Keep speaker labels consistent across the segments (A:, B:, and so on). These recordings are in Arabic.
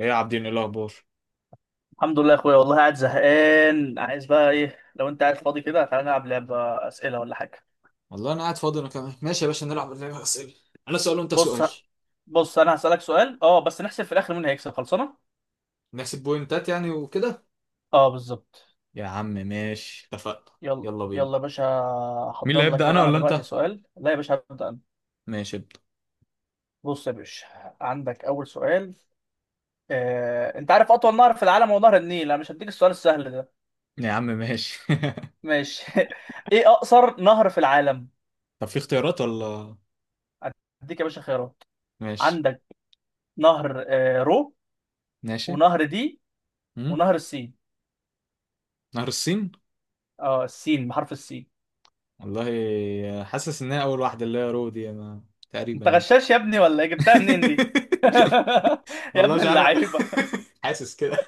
A: ايه يا عابدين، ايه الاخبار؟
B: الحمد لله يا اخويا، والله قاعد زهقان. عايز بقى ايه، لو انت قاعد فاضي كده تعالى نلعب لعبة اسئلة ولا حاجة.
A: والله انا قاعد فاضي، انا كمان ماشي يا باشا، نلعب لعبه اسئله. انا سؤال وانت
B: بص
A: سؤال.
B: بص انا هسألك سؤال، اه بس نحسب في الاخر مين هيكسب، خلصانة.
A: نحسب بوينتات يعني وكده.
B: اه بالظبط.
A: يا عم ماشي، اتفقنا،
B: يلا.
A: يلا بينا.
B: يلا يا باشا.
A: مين
B: هحضر
A: اللي
B: لك
A: هيبدا، انا
B: بقى انا
A: ولا
B: دلوقتي
A: انت؟
B: سؤال، لا يا باشا هبدأ انا.
A: ماشي ابدا.
B: بص يا باشا، عندك اول سؤال. انت عارف اطول نهر في العالم هو نهر النيل، انا مش هديك السؤال السهل ده.
A: يا عم ماشي
B: ماشي ايه اقصر نهر في العالم؟
A: طب في اختيارات ولا؟
B: هديك يا باشا خيارات.
A: ماشي.
B: عندك نهر رو،
A: ماشي.
B: ونهر دي،
A: امم
B: ونهر السين.
A: نهر الصين.
B: اه، السين بحرف السين.
A: والله حاسس ان هي اول واحده، اللي هي رو دي انا، تقريبا
B: انت
A: يعني.
B: غشاش يا ابني ولا إيه؟ جبتها منين دي يا
A: والله
B: ابن
A: مش عارف.
B: اللعيبه.
A: حاسس كده.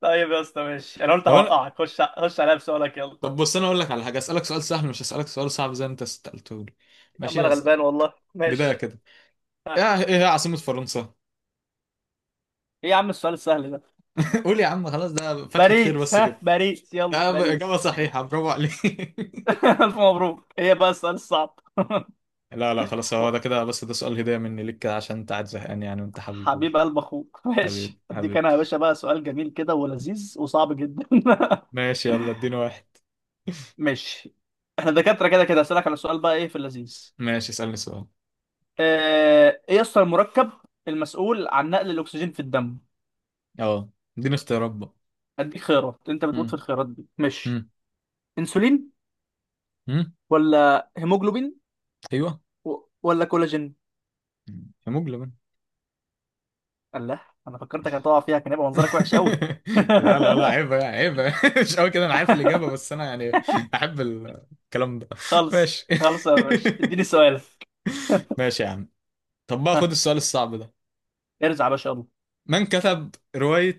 B: طيب يا اسطى ماشي، انا قلت
A: طب انا،
B: هوقعك. خش خش عليا بسؤالك، يلا.
A: طب بص انا اقول لك على حاجه، اسالك سؤال سهل، مش هسالك سؤال صعب زي ما انت سالته لي.
B: يا عم
A: ماشي
B: انا
A: اسال.
B: غلبان والله،
A: بدايه
B: ماشي.
A: كده، ايه
B: ها.
A: ايه هي عاصمه فرنسا؟
B: ايه يا عم السؤال السهل ده؟
A: قول يا عم، خلاص، ده فتحه خير
B: باريس،
A: بس
B: ها
A: كده.
B: باريس، يلا
A: اجابه
B: باريس.
A: صحيحه، برافو عليك.
B: الف مبروك. ايه بقى السؤال الصعب؟
A: لا لا خلاص، هو
B: و-
A: ده كده بس، ده سؤال هديه مني ليك كده عشان انت قاعد زهقان يعني، وانت حبيبي برضه.
B: حبيب قلب اخوك
A: حبيبي
B: ماشي، اديك
A: حبيبي.
B: انا يا باشا بقى سؤال جميل كده ولذيذ وصعب جدا
A: ماشي يلا اديني واحد.
B: ماشي، احنا دكاترة كده كده. هسألك على سؤال بقى ايه في اللذيذ.
A: ماشي اسالني سؤال.
B: ايه يسطا المركب المسؤول عن نقل الاكسجين في الدم؟
A: اه اديني اختيارات بقى.
B: اديك خيارات، انت بتموت في
A: امم
B: الخيارات دي، مش؟
A: امم
B: انسولين،
A: امم
B: ولا هيموجلوبين،
A: ايوه.
B: ولا كولاجين.
A: هيموجلوبين.
B: الله. انا فكرتك هتقع فيها، كان يبقى منظرك وحش قوي
A: لا لا لا، عيب عيب. مش قوي كده، انا عارف الاجابه، بس انا يعني احب الكلام ده.
B: خالص،
A: ماشي.
B: خالص يا باشا، اديني سؤالك.
A: ماشي يا عم. طب بقى
B: ها،
A: خد السؤال الصعب ده.
B: ارزع يا باشا يلا.
A: من كتب روايه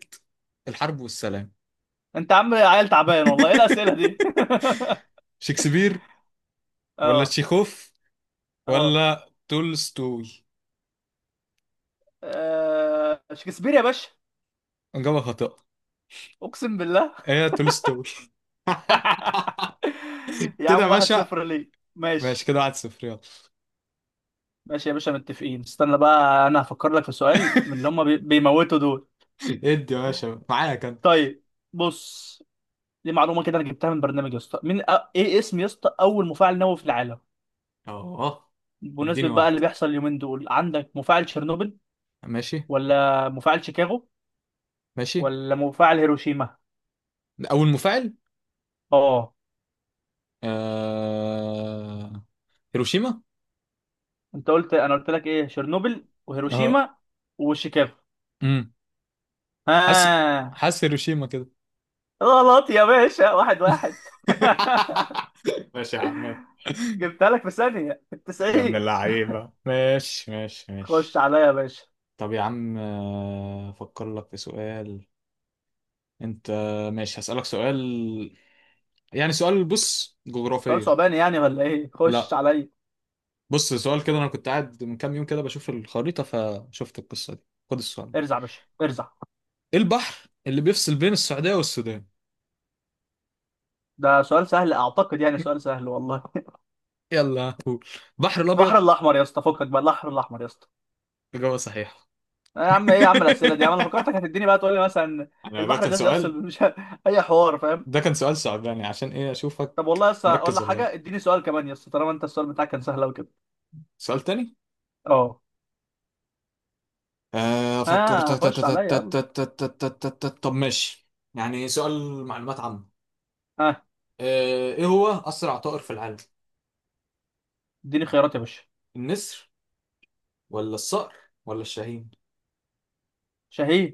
A: الحرب والسلام؟
B: انت عم عيل تعبان والله، ايه الاسئله دي
A: شكسبير ولا
B: اه.
A: تشيخوف
B: اه.
A: ولا تولستوي؟
B: شكسبير يا باشا.
A: اجابه خاطئه.
B: اقسم بالله
A: ايه تولستوي.
B: يا
A: كده يا
B: عم واحد
A: باشا.
B: صفر، ليه
A: ماشي
B: ماشي.
A: كده، واحد صفر، يلا.
B: ماشي يا باشا متفقين. استنى بقى انا هفكر لك في سؤال من اللي هم بيموتوا دول.
A: ادي يا باشا، معايا كان.
B: طيب، بص، دي معلومه كده انا جبتها من برنامج يا اسطى. ايه اسم يا اسطى اول مفاعل نووي في العالم؟
A: اه
B: بمناسبه
A: اديني
B: بقى اللي
A: واحده.
B: بيحصل اليومين دول، عندك مفاعل تشيرنوبل،
A: ماشي.
B: ولا مفاعل شيكاغو،
A: ماشي.
B: ولا مفاعل هيروشيما.
A: أول مفاعل،
B: اه.
A: آه... هيروشيما.
B: انت قلت، انا قلت لك ايه؟ تشيرنوبل،
A: اه.
B: وهيروشيما، وشيكاغو.
A: امم حاسس،
B: ها.
A: حاسس هيروشيما كده.
B: غلط يا باشا، واحد واحد
A: ماشي يا عم.
B: جبتها لك في ثانيه في
A: يا ابن
B: التسعين.
A: اللعيبة، ماشي ماشي
B: خش
A: ماشي.
B: عليا يا باشا.
A: طب يا عم، أفكر لك في سؤال. أنت، ماشي هسألك سؤال، يعني سؤال بص
B: سؤال
A: جغرافية.
B: صعباني يعني ولا ايه؟ خش
A: لا
B: عليا،
A: بص، سؤال كده، أنا كنت قاعد من كام يوم كده بشوف الخريطة فشفت القصة دي. خد السؤال ده:
B: ارزع يا باشا ارزع.
A: إيه البحر اللي بيفصل بين السعودية والسودان؟
B: ده سؤال سهل اعتقد، يعني سؤال سهل والله.
A: يلا قول. بحر
B: البحر
A: الابيض.
B: الاحمر يا اسطى، فكك بقى، البحر الاحمر يا اسطى.
A: اجابه صحيحه.
B: يا عم، ايه يا عم الاسئله دي يا عم؟ انا فكرتك هتديني بقى تقول لي مثلا
A: انا ده
B: البحر
A: كان
B: الذي يفصل
A: سؤال.
B: مش اي حوار فاهم.
A: ده كان سؤال صعباني عشان ايه، اشوفك
B: طب والله يا اسطى اقول
A: مركز
B: لك
A: ولا لا.
B: حاجه، اديني سؤال كمان يا اسطى، طالما انت السؤال بتاعك كان سهل قوي كده.
A: سؤال تاني.
B: اه.
A: آه، افكر
B: ها،
A: تا- تا- تا-
B: خش عليا
A: تا-
B: يلا.
A: تا- تا- تا- تا- تا- تا- تا- طب ماشي، يعني سؤال معلومات عامة.
B: ها،
A: ايه هو اسرع طائر في العالم؟
B: اديني خيارات يا باشا.
A: النسر ولا الصقر ولا الشاهين؟
B: شهي.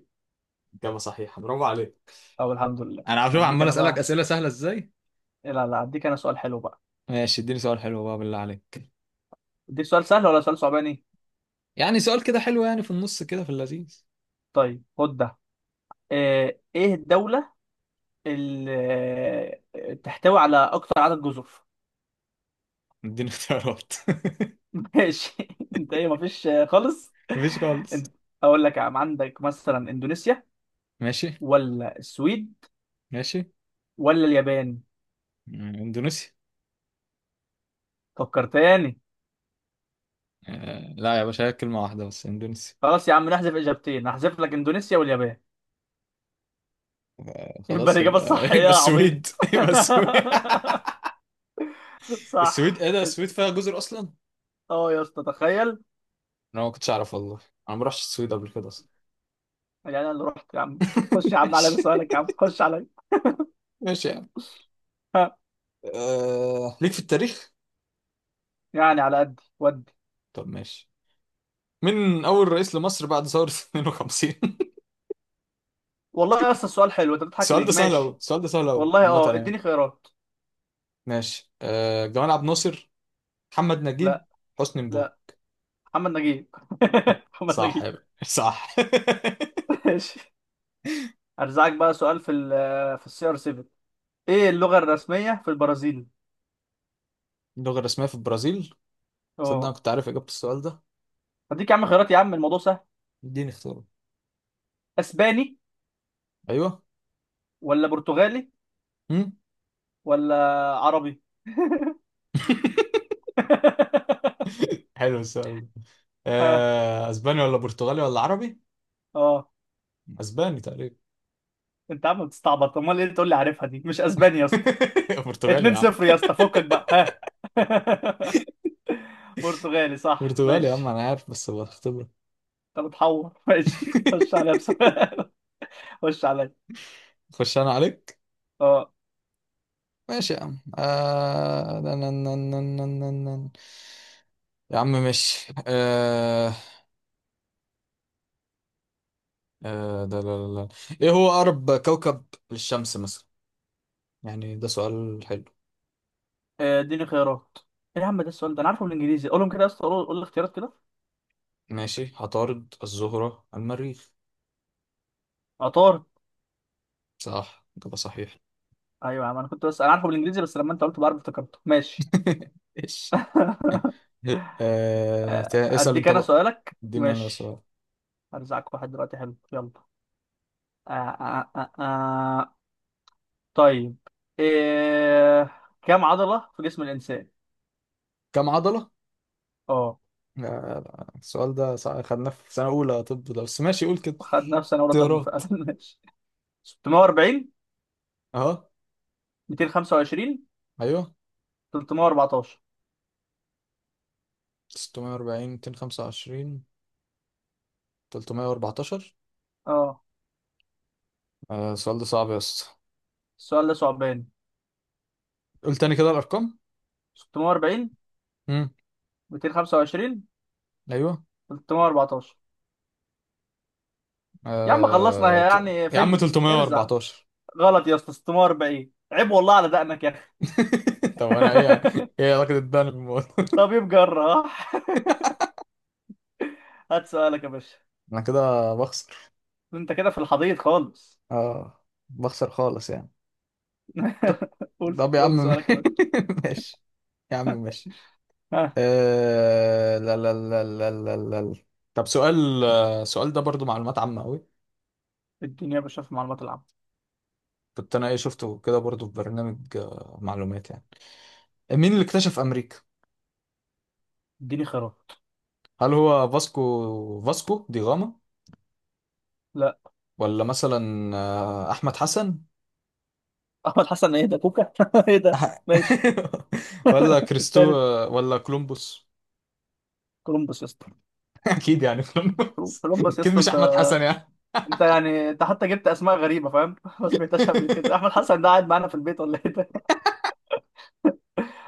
A: اجابة صحيحة، برافو عليك.
B: او، الحمد لله.
A: انا عارف
B: اديك
A: عمال
B: انا
A: اسالك
B: بقى.
A: اسئله سهله ازاي.
B: لا لا، اديك انا سؤال حلو بقى.
A: ماشي اديني سؤال حلو بقى، بالله عليك.
B: اديك سؤال سهل ولا سؤال صعباني؟
A: يعني سؤال كده حلو، يعني في النص كده، في اللذيذ.
B: طيب، خد ده. ايه الدوله تحتوي على اكتر عدد جزر
A: اديني اختيارات.
B: ماشي. انت ايه، مفيش خالص.
A: مفيش خالص.
B: انت- اقول لك يا عم، عندك مثلا اندونيسيا،
A: ماشي.
B: ولا السويد،
A: ماشي.
B: ولا اليابان.
A: مم، اندونيسيا.
B: فكر تاني.
A: آه لا يا باشا، هي كلمة واحدة بس، اندونيسيا.
B: خلاص يا عم، نحذف اجابتين، هحذف لك اندونيسيا واليابان. يبقى
A: خلاص
B: الاجابه
A: يبقى
B: الصح ايه
A: يبقى
B: يا عبيط؟
A: السويد يبقى السويد.
B: صح.
A: السويد؟ ايه ده، السويد فيها جزر اصلا؟
B: اه يا اسطى تخيل.
A: انا ما كنتش اعرف والله. انا ما رحتش السويد قبل كده اصلا.
B: يعني انا اللي رحت يا عم. خش يا عم على
A: ماشي.
B: سؤالك، يا عم خش عليا.
A: ماشي يعني.
B: ها،
A: ليك في التاريخ.
B: يعني على قدي ودي.
A: طب ماشي. مين اول رئيس لمصر بعد ثورة 52؟
B: والله يا اسطى السؤال حلو، انت بتضحك
A: السؤال ده
B: ليه،
A: سهل قوي،
B: ماشي.
A: السؤال ده سهل قوي
B: والله
A: عامة
B: اه،
A: يعني.
B: اديني خيارات.
A: ماشي. جمال عبد الناصر، محمد نجيب،
B: لا
A: حسني
B: لا،
A: مبارك.
B: محمد نجيب محمد
A: صح يا
B: نجيب
A: باشا، صح.
B: ماشي ارزعك بقى سؤال في ال في السي ار 7. ايه اللغة الرسمية في البرازيل؟
A: اللغة الرسمية في البرازيل؟ صدق أنا
B: اه.
A: كنت عارف إجابة السؤال ده.
B: هديك يا عم خيارات، يا عم الموضوع سهل.
A: اديني اختيارات.
B: اسباني،
A: أيوه.
B: ولا برتغالي،
A: هم؟
B: ولا عربي
A: حلو السؤال ده.
B: ها.
A: أسباني ولا برتغالي ولا عربي؟
B: اه.
A: أسباني تقريبا.
B: انت عم بتستعبط، امال ايه اللي تقول لي عارفها، دي مش اسباني يا اسطى.
A: برتغالي
B: 2
A: يا عم.
B: 0 يا اسطى، فكك بقى، ها. برتغالي صح،
A: برتغالي يا عم،
B: ماشي.
A: أنا عارف بس بختبرك.
B: انت بتحور، ماشي خش عليا بسؤال. خش عليا.
A: خش أنا عليك.
B: اه.
A: ماشي يا عم. آه... نن- نن- نن- نن- نن- نن. يا عم ماشي آه... آه... ده لا لا لا. إيه هو أقرب كوكب للشمس مثلا؟ يعني ده سؤال حلو.
B: آه، اديني خيارات. ايه يا عم، ده السؤال ده انا عارفه بالانجليزي، قولهم كده يا اسطى، قول قول الاختيارات كده.
A: ماشي: عطارد، الزهرة، المريخ.
B: عطار.
A: صح، إجابة صحيح.
B: ايوه يا عم، انا كنت بس، انا عارفه بالانجليزي، بس لما انت قلت بعرف افتكرته، ماشي.
A: إيش.
B: آه،
A: اسأل
B: اديك
A: أنت
B: انا
A: بقى.
B: سؤالك
A: اديني أنا
B: ماشي.
A: سؤال.
B: هرزعك واحد دلوقتي حلو، يلا. آه آه آه آه. آه. طيب، إيه... كم عضلة في جسم الإنسان؟
A: كم عضلة؟
B: اه.
A: لا لا، خدناه في سنة أولى طب ده، بس ماشي قول كده.
B: خد نفسي أنا، ولا طب
A: اختيارات.
B: فعلا ماشي. 640،
A: أهو.
B: 225،
A: أيوه.
B: 314.
A: 640، 225، 314.
B: اه،
A: آه السؤال ده صعب يا اسطى.
B: السؤال ده صعباني.
A: قول تاني كده الأرقام.
B: 640،
A: امم
B: 225،
A: أيوه.
B: 314. يا عم خلصنا،
A: آه...
B: هي
A: ت...
B: يعني
A: يا عم
B: فيلم، ارزع.
A: 314.
B: غلط يا اسطى، 640، عيب والله على دقنك يا اخي
A: طب أنا إيه، إيه علاقة الدم بالموضوع؟
B: طبيب جراح هات سؤالك يا باشا.
A: أنا كده بخسر.
B: انت كده في الحضيض خالص.
A: اه بخسر خالص يعني. ط-
B: قول
A: طب يا عم.
B: قول سؤالك يا باشا.
A: ماشي. يا عم ماشي.
B: ها،
A: آه... لا لا لا لا لا لا لا. طب سؤال، سؤال ده برضو معلومات عامة قوي.
B: اديني يا باشا في المعلومات العامة.
A: كنت انا ايه شفته كده برضو في برنامج معلومات يعني. مين اللي اكتشف امريكا؟
B: اديني خيارات.
A: هل هو فاسكو، فاسكو دي غاما،
B: لا.
A: ولا مثلا احمد حسن،
B: احمد حسن ايه ده كوكا ايه ده
A: أح-
B: ماشي.
A: ولا كريستو
B: التالت
A: آه، ولا كولومبوس؟
B: كولومبوس يا اسطى
A: اكيد يعني كولومبوس،
B: كولومبوس يا
A: اكيد
B: اسطى
A: مش
B: انت
A: احمد حسن يعني.
B: انت حتى جبت اسماء غريبه فاهم ما سمعتهاش قبل كده احمد حسن ده قاعد معانا في البيت ولا ايه ده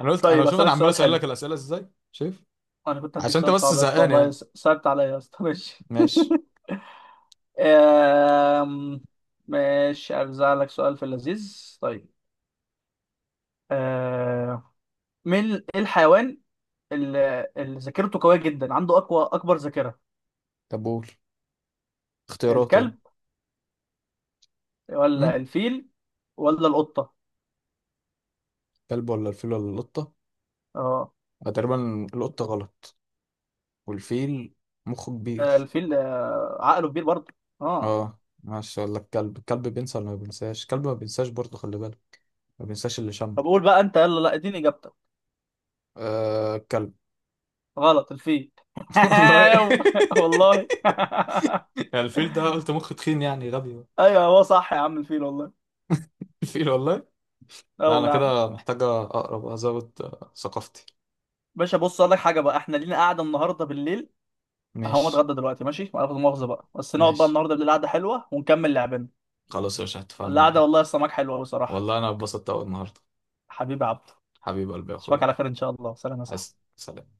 A: انا قلت انا
B: طيب
A: شوف، انا
B: اسالك
A: عمال
B: سؤال
A: اسال
B: حلو
A: لك الاسئله ازاي شايف.
B: انا كنت هديك
A: عشان انت
B: سؤال
A: بس
B: صعب يا اسطى
A: زهقان
B: والله
A: يعني.
B: صعبت عليا يا اسطى ماشي
A: ماشي.
B: آم، ماشي ارزع لك سؤال في اللذيذ طيب آم، ايه الحيوان اللي ذاكرته قوية جدا عنده اقوى اكبر ذاكرة
A: طب قول اختيارات يعني.
B: الكلب ولا
A: أمم.
B: الفيل ولا القطة
A: كلب ولا الفيل ولا القطه؟
B: اه
A: تقريبا القطه غلط، والفيل مخه كبير.
B: الفيل عقله كبير برضه اه
A: اه ماشي، ولا الكلب؟ الكلب بينسى ولا ما بينساش؟ الكلب ما بينساش برضه، خلي بالك، ما بينساش اللي شمه.
B: طب قول بقى انت يلا لا اديني اجابتك
A: آه الكلب.
B: غلط الفيل
A: والله.
B: والله
A: الفيل ده قلت مخ تخين يعني، غبي بقى.
B: ايوه هو صح يا عم الفيل والله
A: الفيل والله.
B: اه
A: لا انا
B: والله يا عم
A: كده محتاجه اقرا بقى، ازود ثقافتي.
B: باشا بص اقول لك حاجه بقى احنا لينا قاعده النهارده بالليل هقوم
A: ماشي.
B: اتغدى دلوقتي ماشي ولا مؤاخذه بقى بس نقعد بقى
A: ماشي.
B: النهارده بالليل قعده حلوه ونكمل لعبنا
A: خلاص يا باشا، اتفقنا
B: القعده
A: والله.
B: والله يا سماك حلوه بصراحه
A: والله انا اتبسطت اول النهارده.
B: حبيبي عبد
A: حبيب قلبي يا
B: اشوفك
A: اخويا.
B: على خير ان شاء الله سلام يا
A: عايز
B: صاحبي
A: سلام.